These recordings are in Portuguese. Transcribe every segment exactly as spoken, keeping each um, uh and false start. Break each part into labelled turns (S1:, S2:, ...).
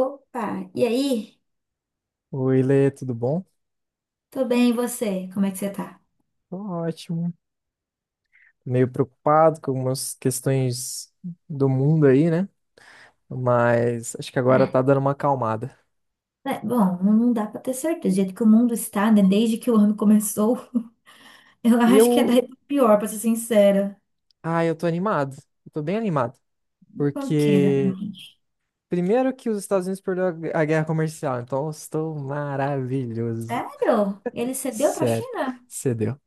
S1: Opa, e aí?
S2: Oi, Lê, tudo bom?
S1: Tô bem, e você? Como é que você tá?
S2: Tô ótimo. Meio preocupado com algumas questões do mundo aí, né? Mas acho que agora
S1: Ah,
S2: tá dando uma acalmada.
S1: é, bom, não dá pra ter certeza. Do jeito que o mundo está, né? Desde que o ano começou, eu
S2: E
S1: acho que é
S2: eu,
S1: daí pra pior, pra ser sincera.
S2: ah, eu tô animado. Eu tô bem animado,
S1: Por que
S2: porque
S1: exatamente?
S2: primeiro que os Estados Unidos perdeu a gu- a guerra comercial, então eu estou maravilhoso.
S1: Sério? Ele cedeu pra
S2: Sério,
S1: China?
S2: cedeu.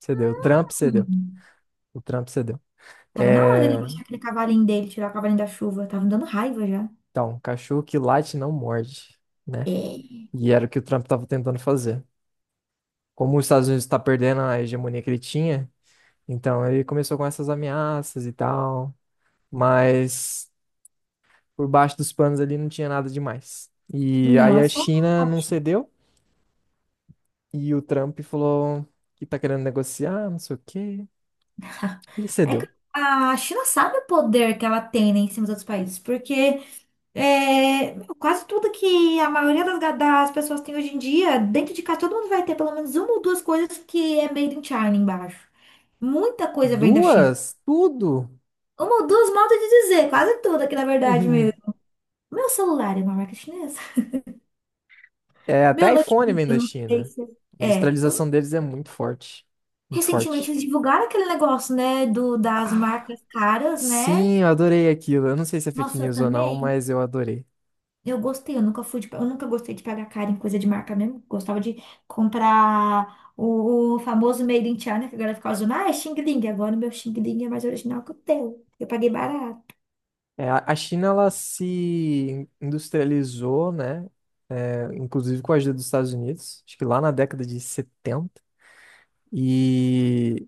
S2: Cedeu. O Trump cedeu.
S1: Hum,
S2: O Trump cedeu.
S1: tava na hora dele
S2: É,
S1: baixar aquele cavalinho dele, tirar o cavalinho da chuva. Tava me dando raiva já.
S2: então, cachorro que late não morde, né?
S1: É.
S2: E era o que o Trump tava tentando fazer. Como os Estados Unidos está perdendo a hegemonia que ele tinha, então ele começou com essas ameaças e tal, mas por baixo dos panos ali não tinha nada demais. E
S1: Não,
S2: aí
S1: é
S2: a
S1: só um
S2: China não
S1: patinho.
S2: cedeu e o Trump falou que tá querendo negociar, não sei o quê. Ele
S1: É que
S2: cedeu.
S1: a China sabe o poder que ela tem, né, em cima dos outros países, porque É, quase tudo que a maioria das, ga- das pessoas tem hoje em dia, dentro de casa, todo mundo vai ter pelo menos uma ou duas coisas que é made in China embaixo. Muita coisa vem da China.
S2: Duas, tudo.
S1: Uma ou duas modos de dizer, quase tudo aqui na verdade mesmo. Meu celular é uma marca chinesa.
S2: É,
S1: Meu
S2: até iPhone
S1: notebook,
S2: vem
S1: eu
S2: da
S1: não sei
S2: China.
S1: se
S2: A
S1: é. Eu-
S2: industrialização deles é muito forte. Muito
S1: Recentemente
S2: forte.
S1: eles divulgaram aquele negócio, né, do, das
S2: Ah,
S1: marcas caras, né?
S2: sim, eu adorei aquilo. Eu não sei se é fake
S1: Nossa, eu
S2: news ou não,
S1: também.
S2: mas eu adorei.
S1: Eu gostei, eu nunca fui de, eu nunca gostei de pagar caro em coisa de marca mesmo. Gostava de comprar o, o famoso Made in China, que agora fica usando, ah, é Xing Ling. Agora o meu Xing Ling é mais original que o teu. Eu paguei barato.
S2: É, a a China ela se industrializou, né? É, inclusive com a ajuda dos Estados Unidos, acho que lá na década de setenta. E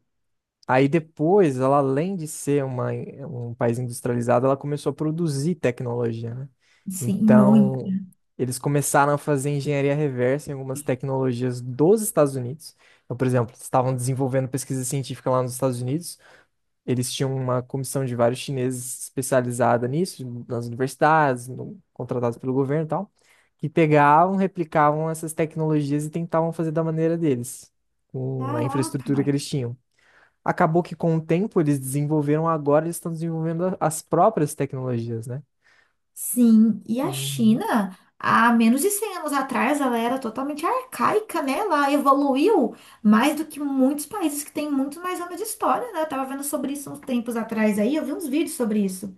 S2: aí depois, ela além de ser uma, um país industrializado, ela começou a produzir tecnologia, né?
S1: Sim, muito.
S2: Então, eles começaram a fazer engenharia reversa em algumas tecnologias dos Estados Unidos. Então, por exemplo, eles estavam desenvolvendo pesquisa científica lá nos Estados Unidos. Eles tinham uma comissão de vários chineses especializada nisso, nas universidades, no- contratados pelo governo e tal, que pegavam, replicavam essas tecnologias e tentavam fazer da maneira deles, com a infraestrutura que
S1: Caraca.
S2: eles tinham. Acabou que com o tempo eles desenvolveram, agora eles estão desenvolvendo a- as próprias tecnologias, né?
S1: Sim, e a
S2: Uhum.
S1: China, há menos de cem anos atrás, ela era totalmente arcaica, né? Ela evoluiu mais do que muitos países que têm muito mais anos de história, né? Eu tava vendo sobre isso uns tempos atrás aí, eu vi uns vídeos sobre isso.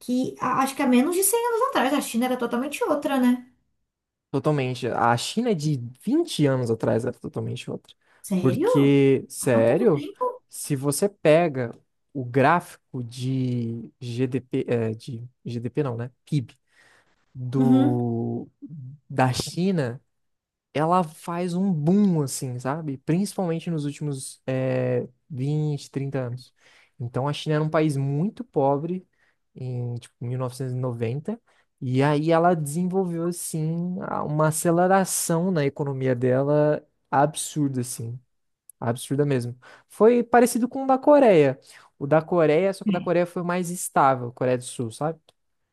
S1: que a- acho que há menos de cem anos atrás a China era totalmente outra, né?
S2: Totalmente. A China é de vinte anos atrás era totalmente outra.
S1: Sério?
S2: Porque,
S1: Há tão pouco
S2: sério,
S1: tempo?
S2: se você pega o gráfico de G D P, eh, de G D P não, né? P I B
S1: Uhum.
S2: do, da China ela faz um boom, assim, sabe? Principalmente nos últimos eh, vinte, trinta anos. Então, a China era um país muito pobre em, tipo, mil novecentos e noventa, e noventa, e aí ela desenvolveu, assim, a- uma aceleração na economia dela absurda, assim, absurda mesmo. Foi parecido com o da Coreia. O da Coreia, só que o
S1: É,
S2: da Coreia foi mais estável, Coreia do Sul, sabe?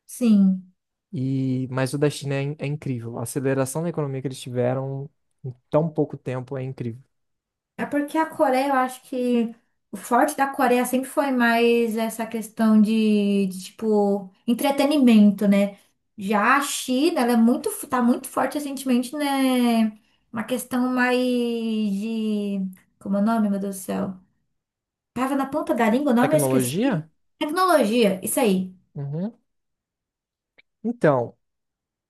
S1: sim.
S2: E, mas o da China é, in- é incrível. A aceleração da economia que eles tiveram em tão pouco tempo é incrível.
S1: É porque a Coreia, eu acho que o forte da Coreia sempre foi mais essa questão de, de, tipo, entretenimento, né? Já a China, ela é muito, f- tá muito forte recentemente, né? Uma questão mais de. Como é o nome, meu Deus do céu? Tava na ponta da língua, o nome eu esqueci.
S2: Tecnologia?
S1: Tecnologia, isso aí.
S2: Uhum. Então,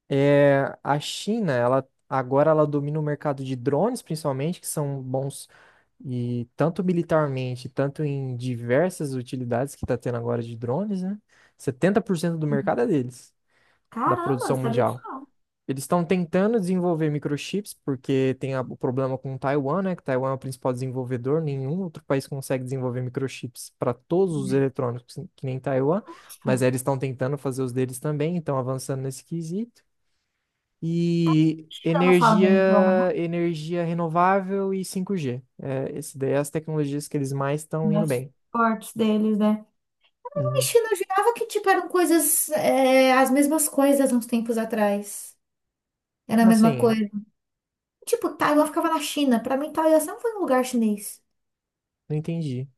S2: é, a China, ela agora ela domina o mercado de drones, principalmente, que são bons e tanto militarmente, tanto em diversas utilidades que está tendo agora de drones, né? Setenta por cento do mercado é deles, da
S1: Caramba, não
S2: produção
S1: sabia disso.
S2: mundial. Eles estão tentando desenvolver microchips, porque tem a- o problema com Taiwan, né? Que Taiwan é o principal desenvolvedor, nenhum outro país consegue desenvolver microchips para todos os eletrônicos, que nem Taiwan, mas aí eles estão tentando fazer os deles também, estão avançando nesse quesito. E
S1: China não fala o
S2: energia,
S1: mesmo idioma, não.
S2: energia renovável e cinco G. É, esse daí é as tecnologias que eles mais estão indo
S1: Mais
S2: bem.
S1: fortes deles, né? A
S2: Uhum.
S1: China eu jurava que, tipo, eram coisas, é, as mesmas coisas uns tempos atrás. Era a
S2: Como
S1: mesma
S2: assim?
S1: coisa. Tipo, Taiwan ficava na China. Pra mim, Taiwan sempre foi um lugar chinês.
S2: Não entendi.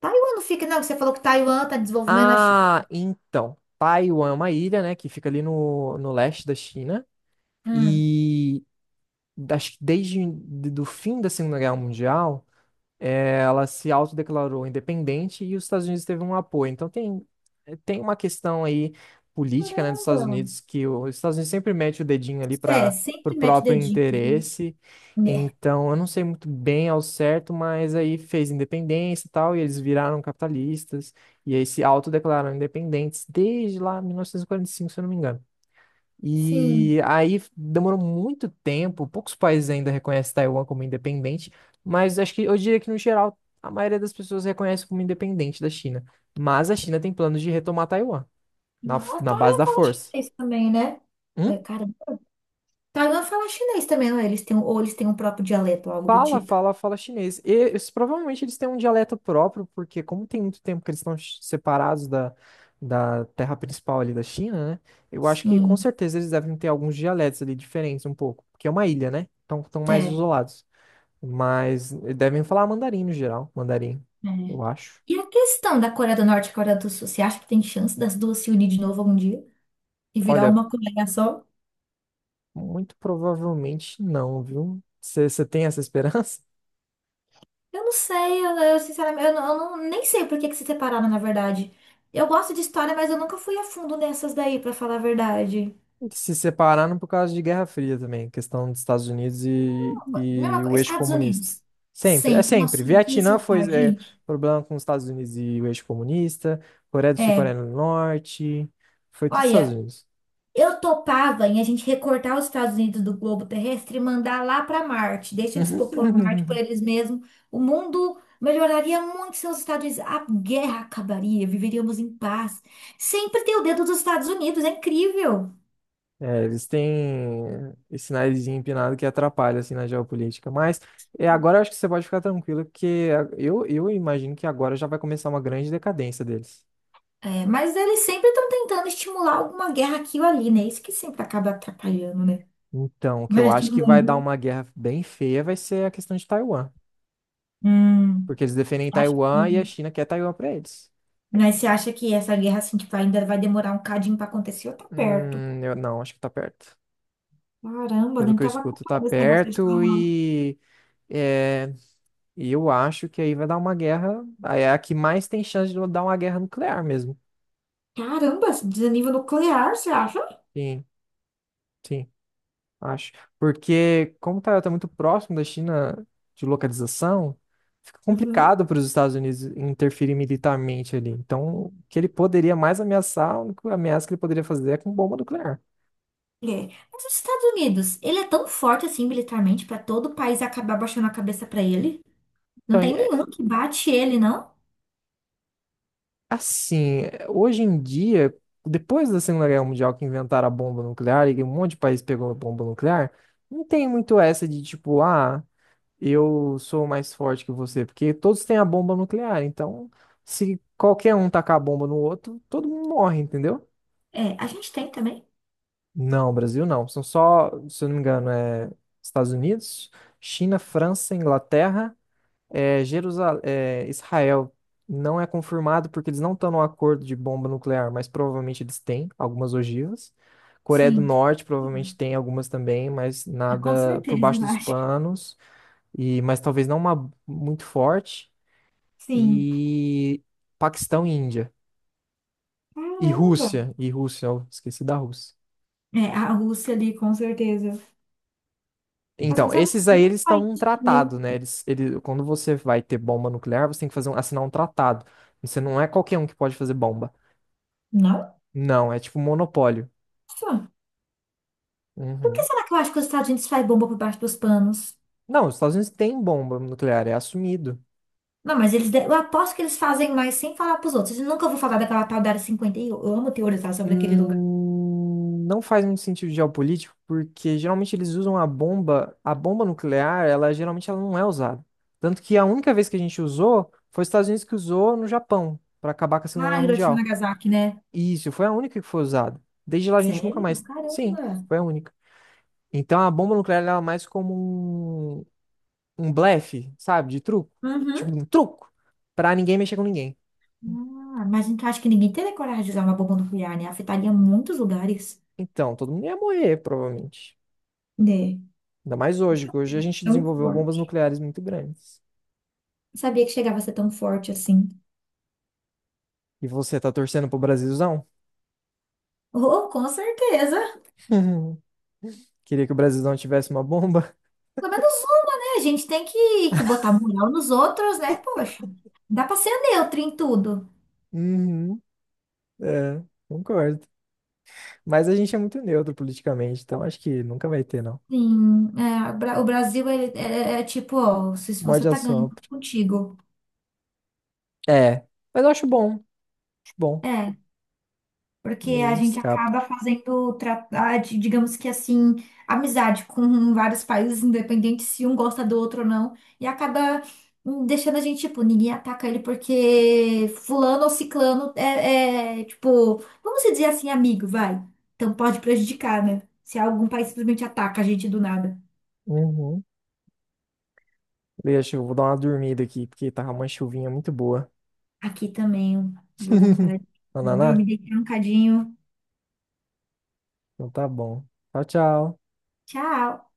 S1: Taiwan não fica, não. Você falou que Taiwan tá desenvolvendo a China.
S2: Ah, então. Taiwan é uma ilha, né, que fica ali no, no leste da China.
S1: Hum.
S2: E acho que desde do fim da Segunda Guerra Mundial, ela se autodeclarou independente e os Estados Unidos teve um apoio. Então tem, eh, tem uma questão aí política, né, dos Estados
S1: Caramba.
S2: Unidos que os Estados Unidos sempre mete o dedinho ali
S1: É,
S2: para o
S1: sempre mete
S2: próprio
S1: dedinho.
S2: interesse.
S1: Né?
S2: Então, eu não sei muito bem ao certo, mas aí fez independência e tal, e eles viraram capitalistas, e aí se autodeclararam independentes desde lá mil novecentos e quarenta e cinco, se eu não me engano.
S1: Sim.
S2: E aí demorou muito tempo, poucos países ainda reconhecem Taiwan como independente, mas acho que eu diria que no geral a maioria das pessoas reconhece como independente da China. Mas a China tem planos de retomar Taiwan na, f-
S1: Ah,
S2: na base
S1: Taiwan
S2: da
S1: fala
S2: força.
S1: chinês também, né? Ué,
S2: Hum?
S1: cara, Taiwan fala chinês também, não é? Eles têm, um- ou eles têm um próprio dialeto, algo do
S2: Fala,
S1: tipo.
S2: fala, fala chinês. E eles- provavelmente eles têm um dialeto próprio, porque como tem muito tempo que eles estão ch- separados da, da terra principal ali da China, né? Eu acho que com
S1: Sim.
S2: certeza eles devem ter alguns dialetos ali diferentes um pouco, porque é uma ilha, né? Então estão mais
S1: É,
S2: isolados. Mas devem falar mandarim no geral, mandarim,
S1: é.
S2: eu acho.
S1: E a questão da Coreia do Norte e Coreia do Sul, você acha que tem chance das duas se unir de novo algum dia e virar
S2: Olha,
S1: uma Coreia só?
S2: muito provavelmente não, viu? Você tem essa esperança?
S1: Eu não sei, eu, eu, sinceramente, eu, não, eu não- nem sei por que que se separaram, na verdade. Eu gosto de história, mas eu nunca fui a fundo nessas daí, pra falar a verdade.
S2: Eles se separaram por causa de Guerra Fria também, questão dos Estados Unidos e,
S1: Mesma
S2: e
S1: coisa,
S2: o eixo
S1: Estados
S2: comunista.
S1: Unidos.
S2: Sempre, é
S1: Sempre.
S2: sempre.
S1: Nossa, eu odeio esse
S2: Vietnã foi
S1: lugar,
S2: é,
S1: gente.
S2: problema com os Estados Unidos e o eixo comunista, Coreia do Sul,
S1: É,
S2: Coreia do Norte, foi tudo Estados
S1: olha,
S2: Unidos.
S1: eu topava em a gente recortar os Estados Unidos do globo terrestre e mandar lá para Marte. Deixa eles popular Marte por eles mesmos. O mundo melhoraria muito se os Estados Unidos. A guerra acabaria, viveríamos em paz. Sempre tem o dedo dos Estados Unidos, é incrível.
S2: É, eles têm esse narizinho empinado que atrapalha, assim, na geopolítica. Mas é, agora eu acho que você pode ficar tranquilo, porque a- eu, eu imagino que agora já vai começar uma grande decadência deles.
S1: É, mas eles sempre estão tentando estimular alguma guerra aqui ou ali, né? Isso que sempre acaba atrapalhando, né?
S2: Então, o
S1: O
S2: que eu
S1: resto
S2: acho
S1: do
S2: que vai dar
S1: mundo.
S2: uma guerra bem feia vai ser a questão de Taiwan.
S1: Hum,
S2: Porque eles defendem
S1: acha
S2: Taiwan e a
S1: que.
S2: China quer Taiwan pra eles.
S1: Mas você acha que essa guerra, assim, tipo, ainda vai demorar um cadinho para acontecer ou tá perto?
S2: Hum, eu não, acho que tá perto.
S1: Caramba,
S2: Pelo
S1: nem
S2: que eu
S1: tava
S2: escuto, tá
S1: acompanhando esse negócio que eles estavam
S2: perto
S1: falando.
S2: e é, e eu acho que aí vai dar uma guerra. Aí é a que mais tem chance de dar uma guerra nuclear mesmo.
S1: Caramba, esse desnível nuclear, você acha?
S2: Sim, sim. Acho. Porque como o Taiwan está muito próximo da China de localização, fica
S1: Uhum.
S2: complicado para os Estados Unidos interferir militarmente ali. Então, o que ele poderia mais ameaçar, a única ameaça que ele poderia fazer é com bomba nuclear.
S1: É. Mas os Estados Unidos, ele é tão forte assim militarmente para todo o país acabar baixando a cabeça para ele? Não
S2: Então,
S1: tem
S2: é,
S1: nenhum que bate ele, não?
S2: assim, é, hoje em dia, depois da Segunda Guerra Mundial que inventaram a bomba nuclear e um monte de país pegou a bomba nuclear, não tem muito essa de tipo, ah. Eu sou mais forte que você, porque todos têm a bomba nuclear, então se qualquer um tacar a bomba no outro, todo mundo morre, entendeu?
S1: É, a gente tem também.
S2: Não, Brasil não. São só, se eu não me engano, é Estados Unidos, China, França, Inglaterra, é, Jerusa- é, Israel. Não é confirmado porque eles não estão num acordo de bomba nuclear, mas provavelmente eles têm algumas ogivas. Coreia do
S1: Sim.
S2: Norte provavelmente tem algumas também, mas
S1: Ah, com
S2: nada por
S1: certeza,
S2: baixo
S1: eu
S2: dos
S1: acho.
S2: panos e mas talvez não uma muito forte.
S1: Sim.
S2: E Paquistão e Índia. E
S1: Caramba.
S2: Rússia. E Rússia, eu esqueci da Rússia.
S1: É, a Rússia ali, com certeza. Mas você não
S2: Então,
S1: sabe
S2: esses
S1: que nenhum
S2: aí eles estão
S1: país
S2: num
S1: tinha. um-
S2: tratado, né? Eles, ele, quando você vai ter bomba nuclear, você tem que fazer um- assinar um tratado. Você não é qualquer um que pode fazer bomba.
S1: Nossa.
S2: Não, é tipo monopólio.
S1: Por que
S2: Uhum.
S1: será que eu acho que os Estados Unidos faz bomba por baixo dos panos?
S2: Não, os Estados Unidos têm bomba nuclear, é assumido.
S1: Não, mas eles. de- Eu aposto que eles fazem mais sem falar pros outros. Eu nunca vou falar daquela tal da Área cinquenta e um. Eu eu amo teorizar sobre aquele lugar.
S2: Hum, não faz muito sentido geopolítico, porque geralmente eles usam a bomba, a bomba nuclear, ela geralmente ela não é usada. Tanto que a única vez que a gente usou foi os Estados Unidos que usou no Japão, para acabar com a Segunda
S1: Ah,
S2: Guerra
S1: Hiroshima e
S2: Mundial.
S1: Nagasaki, né?
S2: E isso, foi a única que foi usada. Desde lá a gente nunca
S1: Sério?
S2: mais. Sim,
S1: Caramba!
S2: foi a única. Então a bomba nuclear ela é mais como um, um blefe, sabe, de truco. Tipo
S1: Uhum.
S2: um truco, pra ninguém mexer com ninguém.
S1: Ah, mas então acho que ninguém teria coragem de usar uma bomba nuclear, né? Afetaria muitos lugares.
S2: Então, todo mundo ia morrer, provavelmente.
S1: Né?
S2: Ainda mais hoje, que hoje a gente
S1: Tão
S2: desenvolveu bombas
S1: forte.
S2: nucleares muito grandes.
S1: Não sabia que chegava a ser tão forte assim.
S2: E você tá torcendo pro Brasilzão?
S1: Oh, oh, com certeza.
S2: Queria que o Brasilzão tivesse uma bomba?
S1: Pelo menos uma, né? A gente tem que, que botar moral nos outros, né? Poxa, não dá pra ser neutra em tudo.
S2: Uhum, é, concordo. Mas a gente é muito neutro politicamente, então acho que nunca vai ter, não.
S1: Sim, é, o Bra- o Brasil ele- é, é é tipo, ó, se se você
S2: Morde a
S1: tá ganhando tá
S2: sopra.
S1: contigo.
S2: É, mas eu acho bom. Acho bom.
S1: É, porque
S2: Mas a
S1: a
S2: gente
S1: gente
S2: escapa.
S1: acaba fazendo, tra- ah, di- digamos que assim, amizade com vários países, independente se um gosta do outro ou não, e acaba hum, deixando a gente, tipo, ninguém ataca ele porque fulano ou ciclano é, é, tipo, vamos dizer assim, amigo, vai. Então pode prejudicar, né? Se algum país simplesmente ataca a gente do nada.
S2: Uhum. Deixa, eu vou dar uma dormida aqui, porque tava uma chuvinha muito boa.
S1: Aqui também, eu vou dar uma paradinha. Dormir,
S2: Ananá?
S1: deitar um cadinho.
S2: Então tá bom. Tchau, tchau.
S1: Tchau!